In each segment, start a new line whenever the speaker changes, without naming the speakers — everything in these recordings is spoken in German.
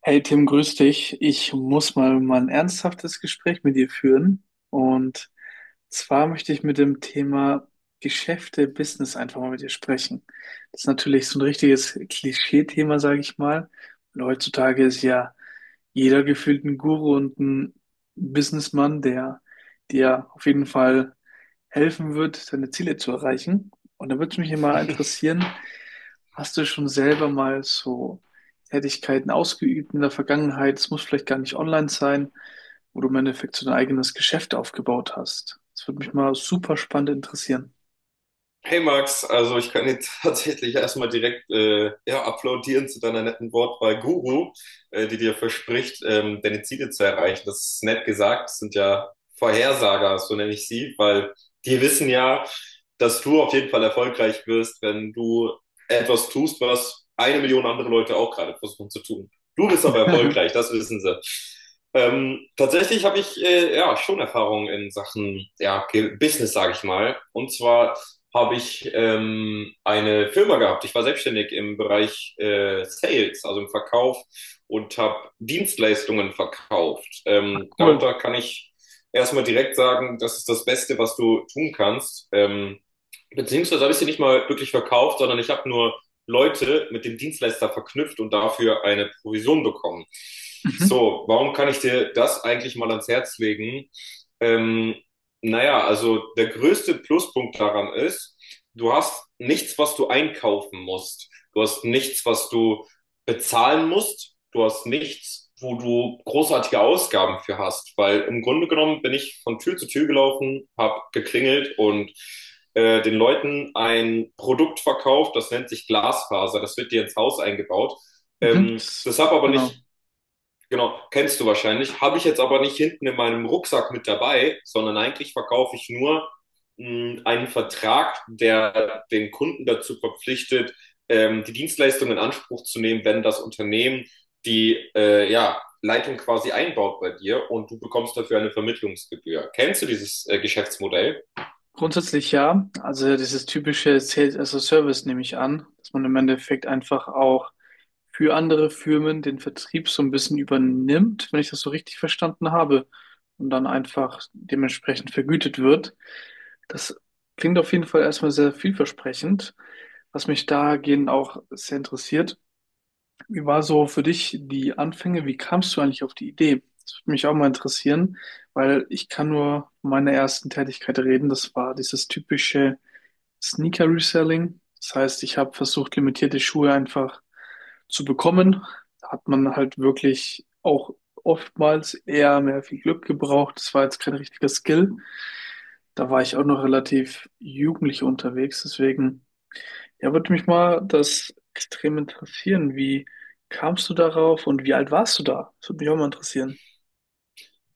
Hey Tim, grüß dich. Ich muss mal ein ernsthaftes Gespräch mit dir führen. Und zwar möchte ich mit dem Thema Geschäfte, Business einfach mal mit dir sprechen. Das ist natürlich so ein richtiges Klischee-Thema, sage ich mal. Und heutzutage ist ja jeder gefühlt ein Guru und ein Businessmann, der dir auf jeden Fall helfen wird, deine Ziele zu erreichen. Und da würde mich immer interessieren, hast du schon selber mal so Tätigkeiten ausgeübt in der Vergangenheit? Es muss vielleicht gar nicht online sein, wo du im Endeffekt so dein eigenes Geschäft aufgebaut hast. Das würde mich mal super spannend interessieren.
Hey Max, also ich kann dir tatsächlich erstmal direkt ja, applaudieren zu deiner netten Wortwahl Guru, die dir verspricht, deine Ziele zu erreichen. Das ist nett gesagt, das sind ja Vorhersager, so nenne ich sie, weil die wissen ja, dass du auf jeden Fall erfolgreich wirst, wenn du etwas tust, was 1 Million andere Leute auch gerade versuchen zu tun. Du bist aber
Mhm.
erfolgreich, das wissen sie. Tatsächlich habe ich ja schon Erfahrung in Sachen ja, Business, sage ich mal. Und zwar habe ich eine Firma gehabt. Ich war selbstständig im Bereich Sales, also im Verkauf und habe Dienstleistungen verkauft.
Ach, cool.
Darunter kann ich erstmal direkt sagen, das ist das Beste, was du tun kannst. Beziehungsweise habe ich sie nicht mal wirklich verkauft, sondern ich habe nur Leute mit dem Dienstleister verknüpft und dafür eine Provision bekommen.
Mhm.
So, warum kann ich dir das eigentlich mal ans Herz legen? Ähm, naja, also der größte Pluspunkt daran ist, du hast nichts, was du einkaufen musst. Du hast nichts, was du bezahlen musst. Du hast nichts, wo du großartige Ausgaben für hast. Weil im Grunde genommen bin ich von Tür zu Tür gelaufen, habe geklingelt und den Leuten ein Produkt verkauft, das nennt sich Glasfaser. Das wird dir ins Haus eingebaut.
Mhm. Das,
Das habe aber nicht,
genau.
genau, kennst du wahrscheinlich, habe ich jetzt aber nicht hinten in meinem Rucksack mit dabei, sondern eigentlich verkaufe ich nur einen Vertrag, der den Kunden dazu verpflichtet, die Dienstleistung in Anspruch zu nehmen, wenn das Unternehmen die ja, Leitung quasi einbaut bei dir und du bekommst dafür eine Vermittlungsgebühr. Kennst du dieses Geschäftsmodell?
Grundsätzlich ja. Also dieses typische Sales as a Service, nehme ich an, dass man im Endeffekt einfach auch für andere Firmen den Vertrieb so ein bisschen übernimmt, wenn ich das so richtig verstanden habe, und dann einfach dementsprechend vergütet wird. Das klingt auf jeden Fall erstmal sehr vielversprechend, was mich dahingehend auch sehr interessiert. Wie war so für dich die Anfänge? Wie kamst du eigentlich auf die Idee? Das würde mich auch mal interessieren, weil ich kann nur von meiner ersten Tätigkeit reden. Das war dieses typische Sneaker-Reselling. Das heißt, ich habe versucht, limitierte Schuhe einfach zu bekommen. Da hat man halt wirklich auch oftmals eher mehr viel Glück gebraucht. Das war jetzt kein richtiger Skill. Da war ich auch noch relativ jugendlich unterwegs. Deswegen ja, würde mich mal das extrem interessieren. Wie kamst du darauf und wie alt warst du da? Das würde mich auch mal interessieren.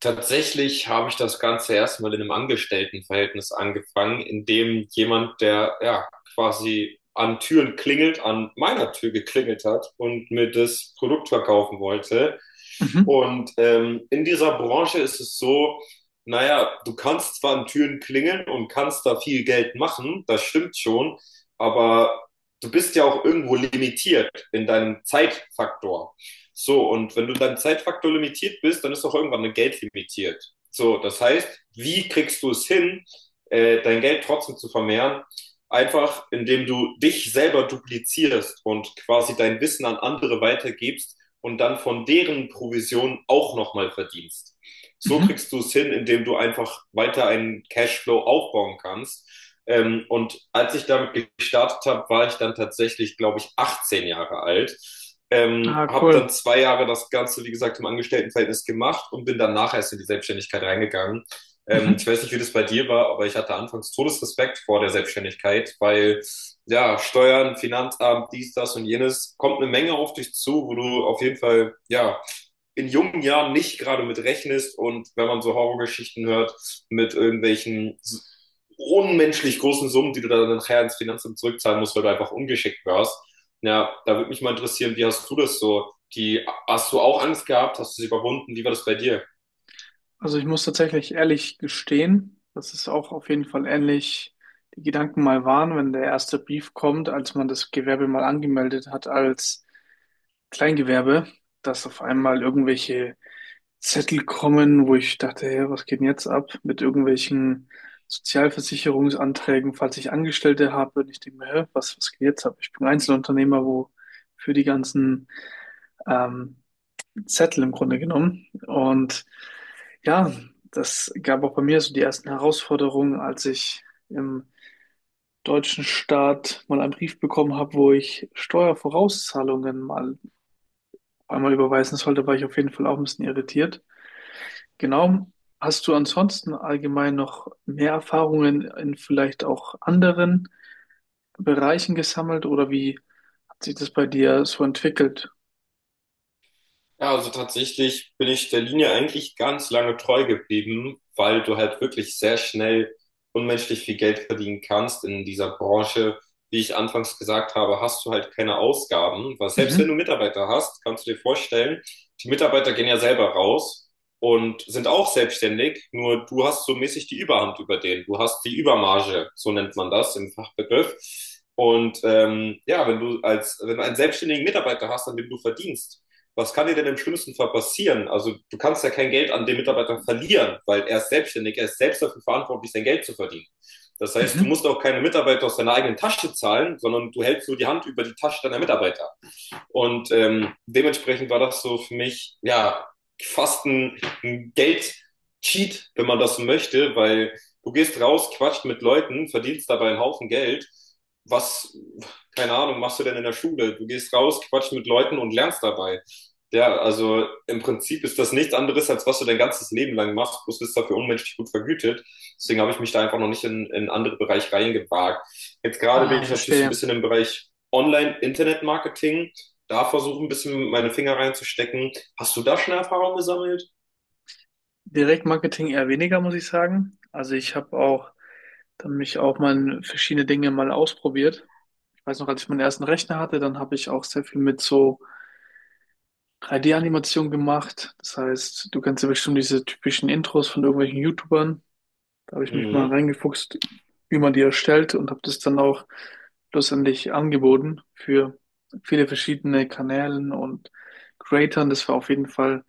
Tatsächlich habe ich das Ganze erstmal in einem Angestelltenverhältnis angefangen, in dem jemand, der ja quasi an Türen klingelt, an meiner Tür geklingelt hat und mir das Produkt verkaufen wollte.
Mhm.
Und in dieser Branche ist es so, naja, du kannst zwar an Türen klingeln und kannst da viel Geld machen, das stimmt schon, aber du bist ja auch irgendwo limitiert in deinem Zeitfaktor. So, und wenn du dann Zeitfaktor limitiert bist, dann ist auch irgendwann dein Geld limitiert. So, das heißt, wie kriegst du es hin, dein Geld trotzdem zu vermehren? Einfach, indem du dich selber duplizierst und quasi dein Wissen an andere weitergibst und dann von deren Provision auch nochmal verdienst. So
Mhm.
kriegst du es hin, indem du einfach weiter einen Cashflow aufbauen kannst. Und als ich damit gestartet habe, war ich dann tatsächlich, glaube ich, 18 Jahre alt.
Ah,
Habe dann
cool.
2 Jahre das Ganze, wie gesagt, im Angestelltenverhältnis gemacht und bin danach erst in die Selbstständigkeit reingegangen.
Mhm.
Ich weiß nicht, wie das bei dir war, aber ich hatte anfangs Todesrespekt vor der Selbstständigkeit, weil ja, Steuern, Finanzamt, dies, das und jenes, kommt eine Menge auf dich zu, wo du auf jeden Fall, ja, in jungen Jahren nicht gerade mit rechnest und wenn man so Horrorgeschichten hört, mit irgendwelchen unmenschlich großen Summen, die du dann nachher ins Finanzamt zurückzahlen musst, weil du einfach ungeschickt warst. Ja, da würde mich mal interessieren, wie hast du das so? Hast du auch Angst gehabt? Hast du sie überwunden? Wie war das bei dir?
Also ich muss tatsächlich ehrlich gestehen, dass es auch auf jeden Fall ähnlich die Gedanken mal waren, wenn der erste Brief kommt, als man das Gewerbe mal angemeldet hat als Kleingewerbe, dass auf einmal irgendwelche Zettel kommen, wo ich dachte, hey, was geht denn jetzt ab mit irgendwelchen Sozialversicherungsanträgen, falls ich Angestellte habe. Und ich denke mir, hä, was geht jetzt ab? Ich bin Einzelunternehmer, wo für die ganzen ähm, Zettel im Grunde genommen. Und ja, das gab auch bei mir so die ersten Herausforderungen, als ich im deutschen Staat mal einen Brief bekommen habe, wo ich Steuervorauszahlungen mal einmal überweisen sollte, war ich auf jeden Fall auch ein bisschen irritiert. Genau. Hast du ansonsten allgemein noch mehr Erfahrungen in vielleicht auch anderen Bereichen gesammelt oder wie hat sich das bei dir so entwickelt?
Ja, also tatsächlich bin ich der Linie eigentlich ganz lange treu geblieben, weil du halt wirklich sehr schnell unmenschlich viel Geld verdienen kannst in dieser Branche. Wie ich anfangs gesagt habe, hast du halt keine Ausgaben, weil selbst wenn du
Mhm.
Mitarbeiter hast, kannst du dir vorstellen, die Mitarbeiter gehen ja selber raus und sind auch selbstständig, nur du hast so mäßig die Überhand über den. Du hast die Übermarge, so nennt man das im Fachbegriff. Und ja, wenn du einen selbstständigen Mitarbeiter hast, an dem du verdienst, was kann dir denn im schlimmsten Fall passieren? Also du kannst ja kein Geld an den Mitarbeiter verlieren, weil er ist selbstständig, er ist selbst dafür verantwortlich, sein Geld zu verdienen. Das heißt, du
Mhm.
musst auch keine Mitarbeiter aus deiner eigenen Tasche zahlen, sondern du hältst nur die Hand über die Tasche deiner Mitarbeiter. Und dementsprechend war das so für mich, ja, fast ein, ein Geld-Cheat, wenn man das so möchte, weil du gehst raus, quatscht mit Leuten, verdienst dabei einen Haufen Geld. Was, keine Ahnung, machst du denn in der Schule? Du gehst raus, quatscht mit Leuten und lernst dabei. Ja, also im Prinzip ist das nichts anderes, als was du dein ganzes Leben lang machst, bloß bist dafür unmenschlich gut vergütet. Deswegen habe ich mich da einfach noch nicht in andere Bereiche reingewagt. Jetzt gerade
Ah,
bin ich natürlich so ein
verstehe.
bisschen im Bereich Online-Internet-Marketing, da versuche ein bisschen meine Finger reinzustecken. Hast du da schon Erfahrung gesammelt?
Direktmarketing eher weniger, muss ich sagen. Also ich habe auch dann mich auch mal in verschiedene Dinge mal ausprobiert. Ich weiß noch, als ich meinen ersten Rechner hatte, dann habe ich auch sehr viel mit so 3D-Animation gemacht. Das heißt, du kennst ja bestimmt diese typischen Intros von irgendwelchen YouTubern. Da habe ich mich mal
Mhm.
reingefuchst, wie man die erstellt und habe das dann auch schlussendlich angeboten für viele verschiedene Kanälen und Creatern. Das war auf jeden Fall,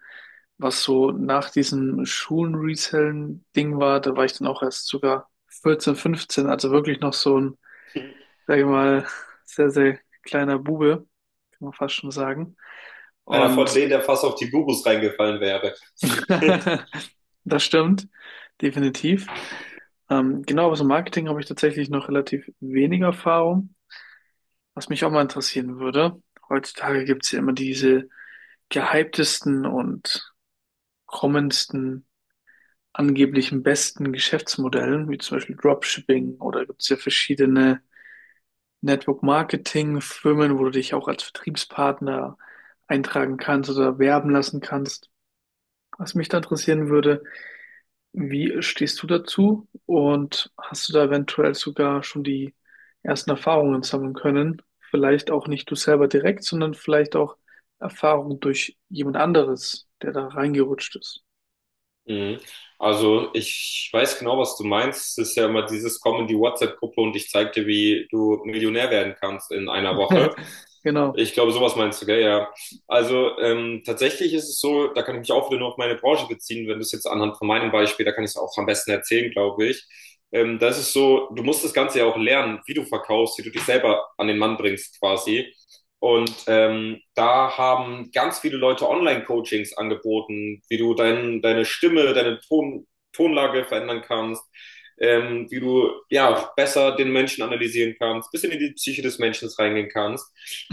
was so nach diesem Schulen-Resellen-Ding war. Da war ich dann auch erst sogar 14, 15, also wirklich noch so ein, sage ich mal, sehr, sehr kleiner Bube, kann man fast schon sagen.
Einer von
Und
denen, der fast auf die Gurus reingefallen wäre.
das stimmt, definitiv. Genau, aber so Marketing habe ich tatsächlich noch relativ wenig Erfahrung. Was mich auch mal interessieren würde, heutzutage gibt es ja immer diese gehyptesten und kommendsten, angeblichen besten Geschäftsmodellen, wie zum Beispiel Dropshipping, oder gibt es ja verschiedene Network-Marketing-Firmen, wo du dich auch als Vertriebspartner eintragen kannst oder werben lassen kannst. Was mich da interessieren würde, wie stehst du dazu? Und hast du da eventuell sogar schon die ersten Erfahrungen sammeln können? Vielleicht auch nicht du selber direkt, sondern vielleicht auch Erfahrungen durch jemand anderes, der da reingerutscht ist.
Mhm. Also ich weiß genau, was du meinst. Es ist ja immer dieses Komm in die WhatsApp-Gruppe und ich zeig dir, wie du Millionär werden kannst in einer Woche.
Genau.
Ich glaube, sowas meinst du, gell? Ja. Also tatsächlich ist es so, da kann ich mich auch wieder nur auf meine Branche beziehen, wenn du es jetzt anhand von meinem Beispiel, da kann ich es auch am besten erzählen, glaube ich. Das ist so, du musst das Ganze ja auch lernen, wie du verkaufst, wie du dich selber an den Mann bringst quasi. Und da haben ganz viele Leute Online-Coachings angeboten, wie deine Stimme, Tonlage verändern kannst, wie du ja besser den Menschen analysieren kannst, bisschen in die Psyche des Menschen reingehen kannst.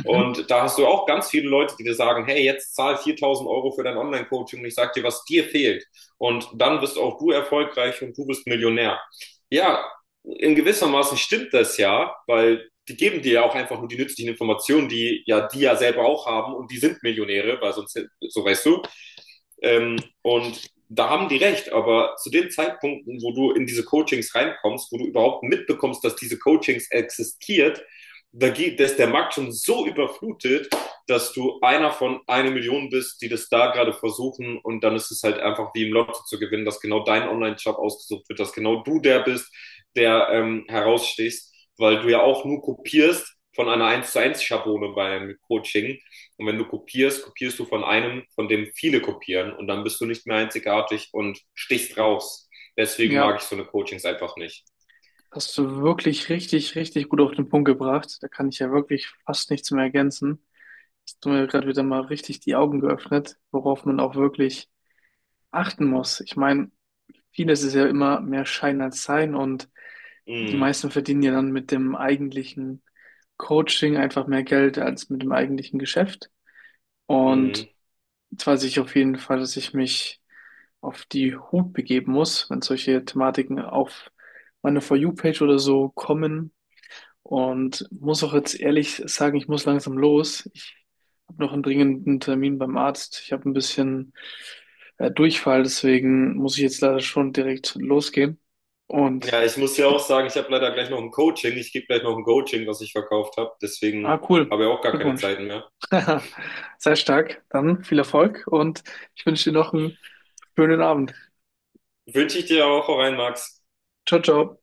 Und da hast du auch ganz viele Leute, die dir sagen, hey, jetzt zahl 4.000 Euro für dein Online-Coaching und ich sag dir, was dir fehlt. Und dann bist auch du erfolgreich und du bist Millionär. Ja, in gewisser Maßen stimmt das ja, weil die geben dir ja auch einfach nur die nützlichen Informationen, die ja selber auch haben und die sind Millionäre, weil sonst, so weißt du. Und da haben die recht, aber zu den Zeitpunkten, wo du in diese Coachings reinkommst, wo du überhaupt mitbekommst, dass diese Coachings existiert, da ist der Markt schon so überflutet, dass du einer von einer Million bist, die das da gerade versuchen und dann ist es halt einfach wie im Lotto zu gewinnen, dass genau dein Online-Shop ausgesucht wird, dass genau du der bist, der herausstehst, weil du ja auch nur kopierst von einer eins zu eins Schablone beim Coaching. Und wenn du kopierst, kopierst du von einem, von dem viele kopieren und dann bist du nicht mehr einzigartig und stichst raus. Deswegen mag
Ja,
ich so eine Coachings einfach nicht.
hast du wirklich richtig, richtig gut auf den Punkt gebracht. Da kann ich ja wirklich fast nichts mehr ergänzen. Hast du mir gerade wieder mal richtig die Augen geöffnet, worauf man auch wirklich achten muss. Ich meine, vieles ist ja immer mehr Schein als Sein, und die
Mhm.
meisten verdienen ja dann mit dem eigentlichen Coaching einfach mehr Geld als mit dem eigentlichen Geschäft. Und
Mhm.
jetzt weiß ich auf jeden Fall, dass ich mich auf die Hut begeben muss, wenn solche Thematiken auf meine For You-Page oder so kommen, und muss auch jetzt ehrlich sagen, ich muss langsam los. Ich habe noch einen dringenden Termin beim Arzt. Ich habe ein bisschen Durchfall, deswegen muss ich jetzt leider schon direkt losgehen. Und
Ja, ich muss
ich
ja auch
bin,
sagen, ich habe leider gleich noch ein Coaching. Ich gebe gleich noch ein Coaching, was ich verkauft habe.
ah,
Deswegen
cool.
habe ich auch gar keine
Glückwunsch.
Zeiten mehr.
Sei stark. Dann viel Erfolg und ich wünsche dir noch einen schönen Abend.
Wünsche ich dir auch rein, Max.
Ciao, ciao.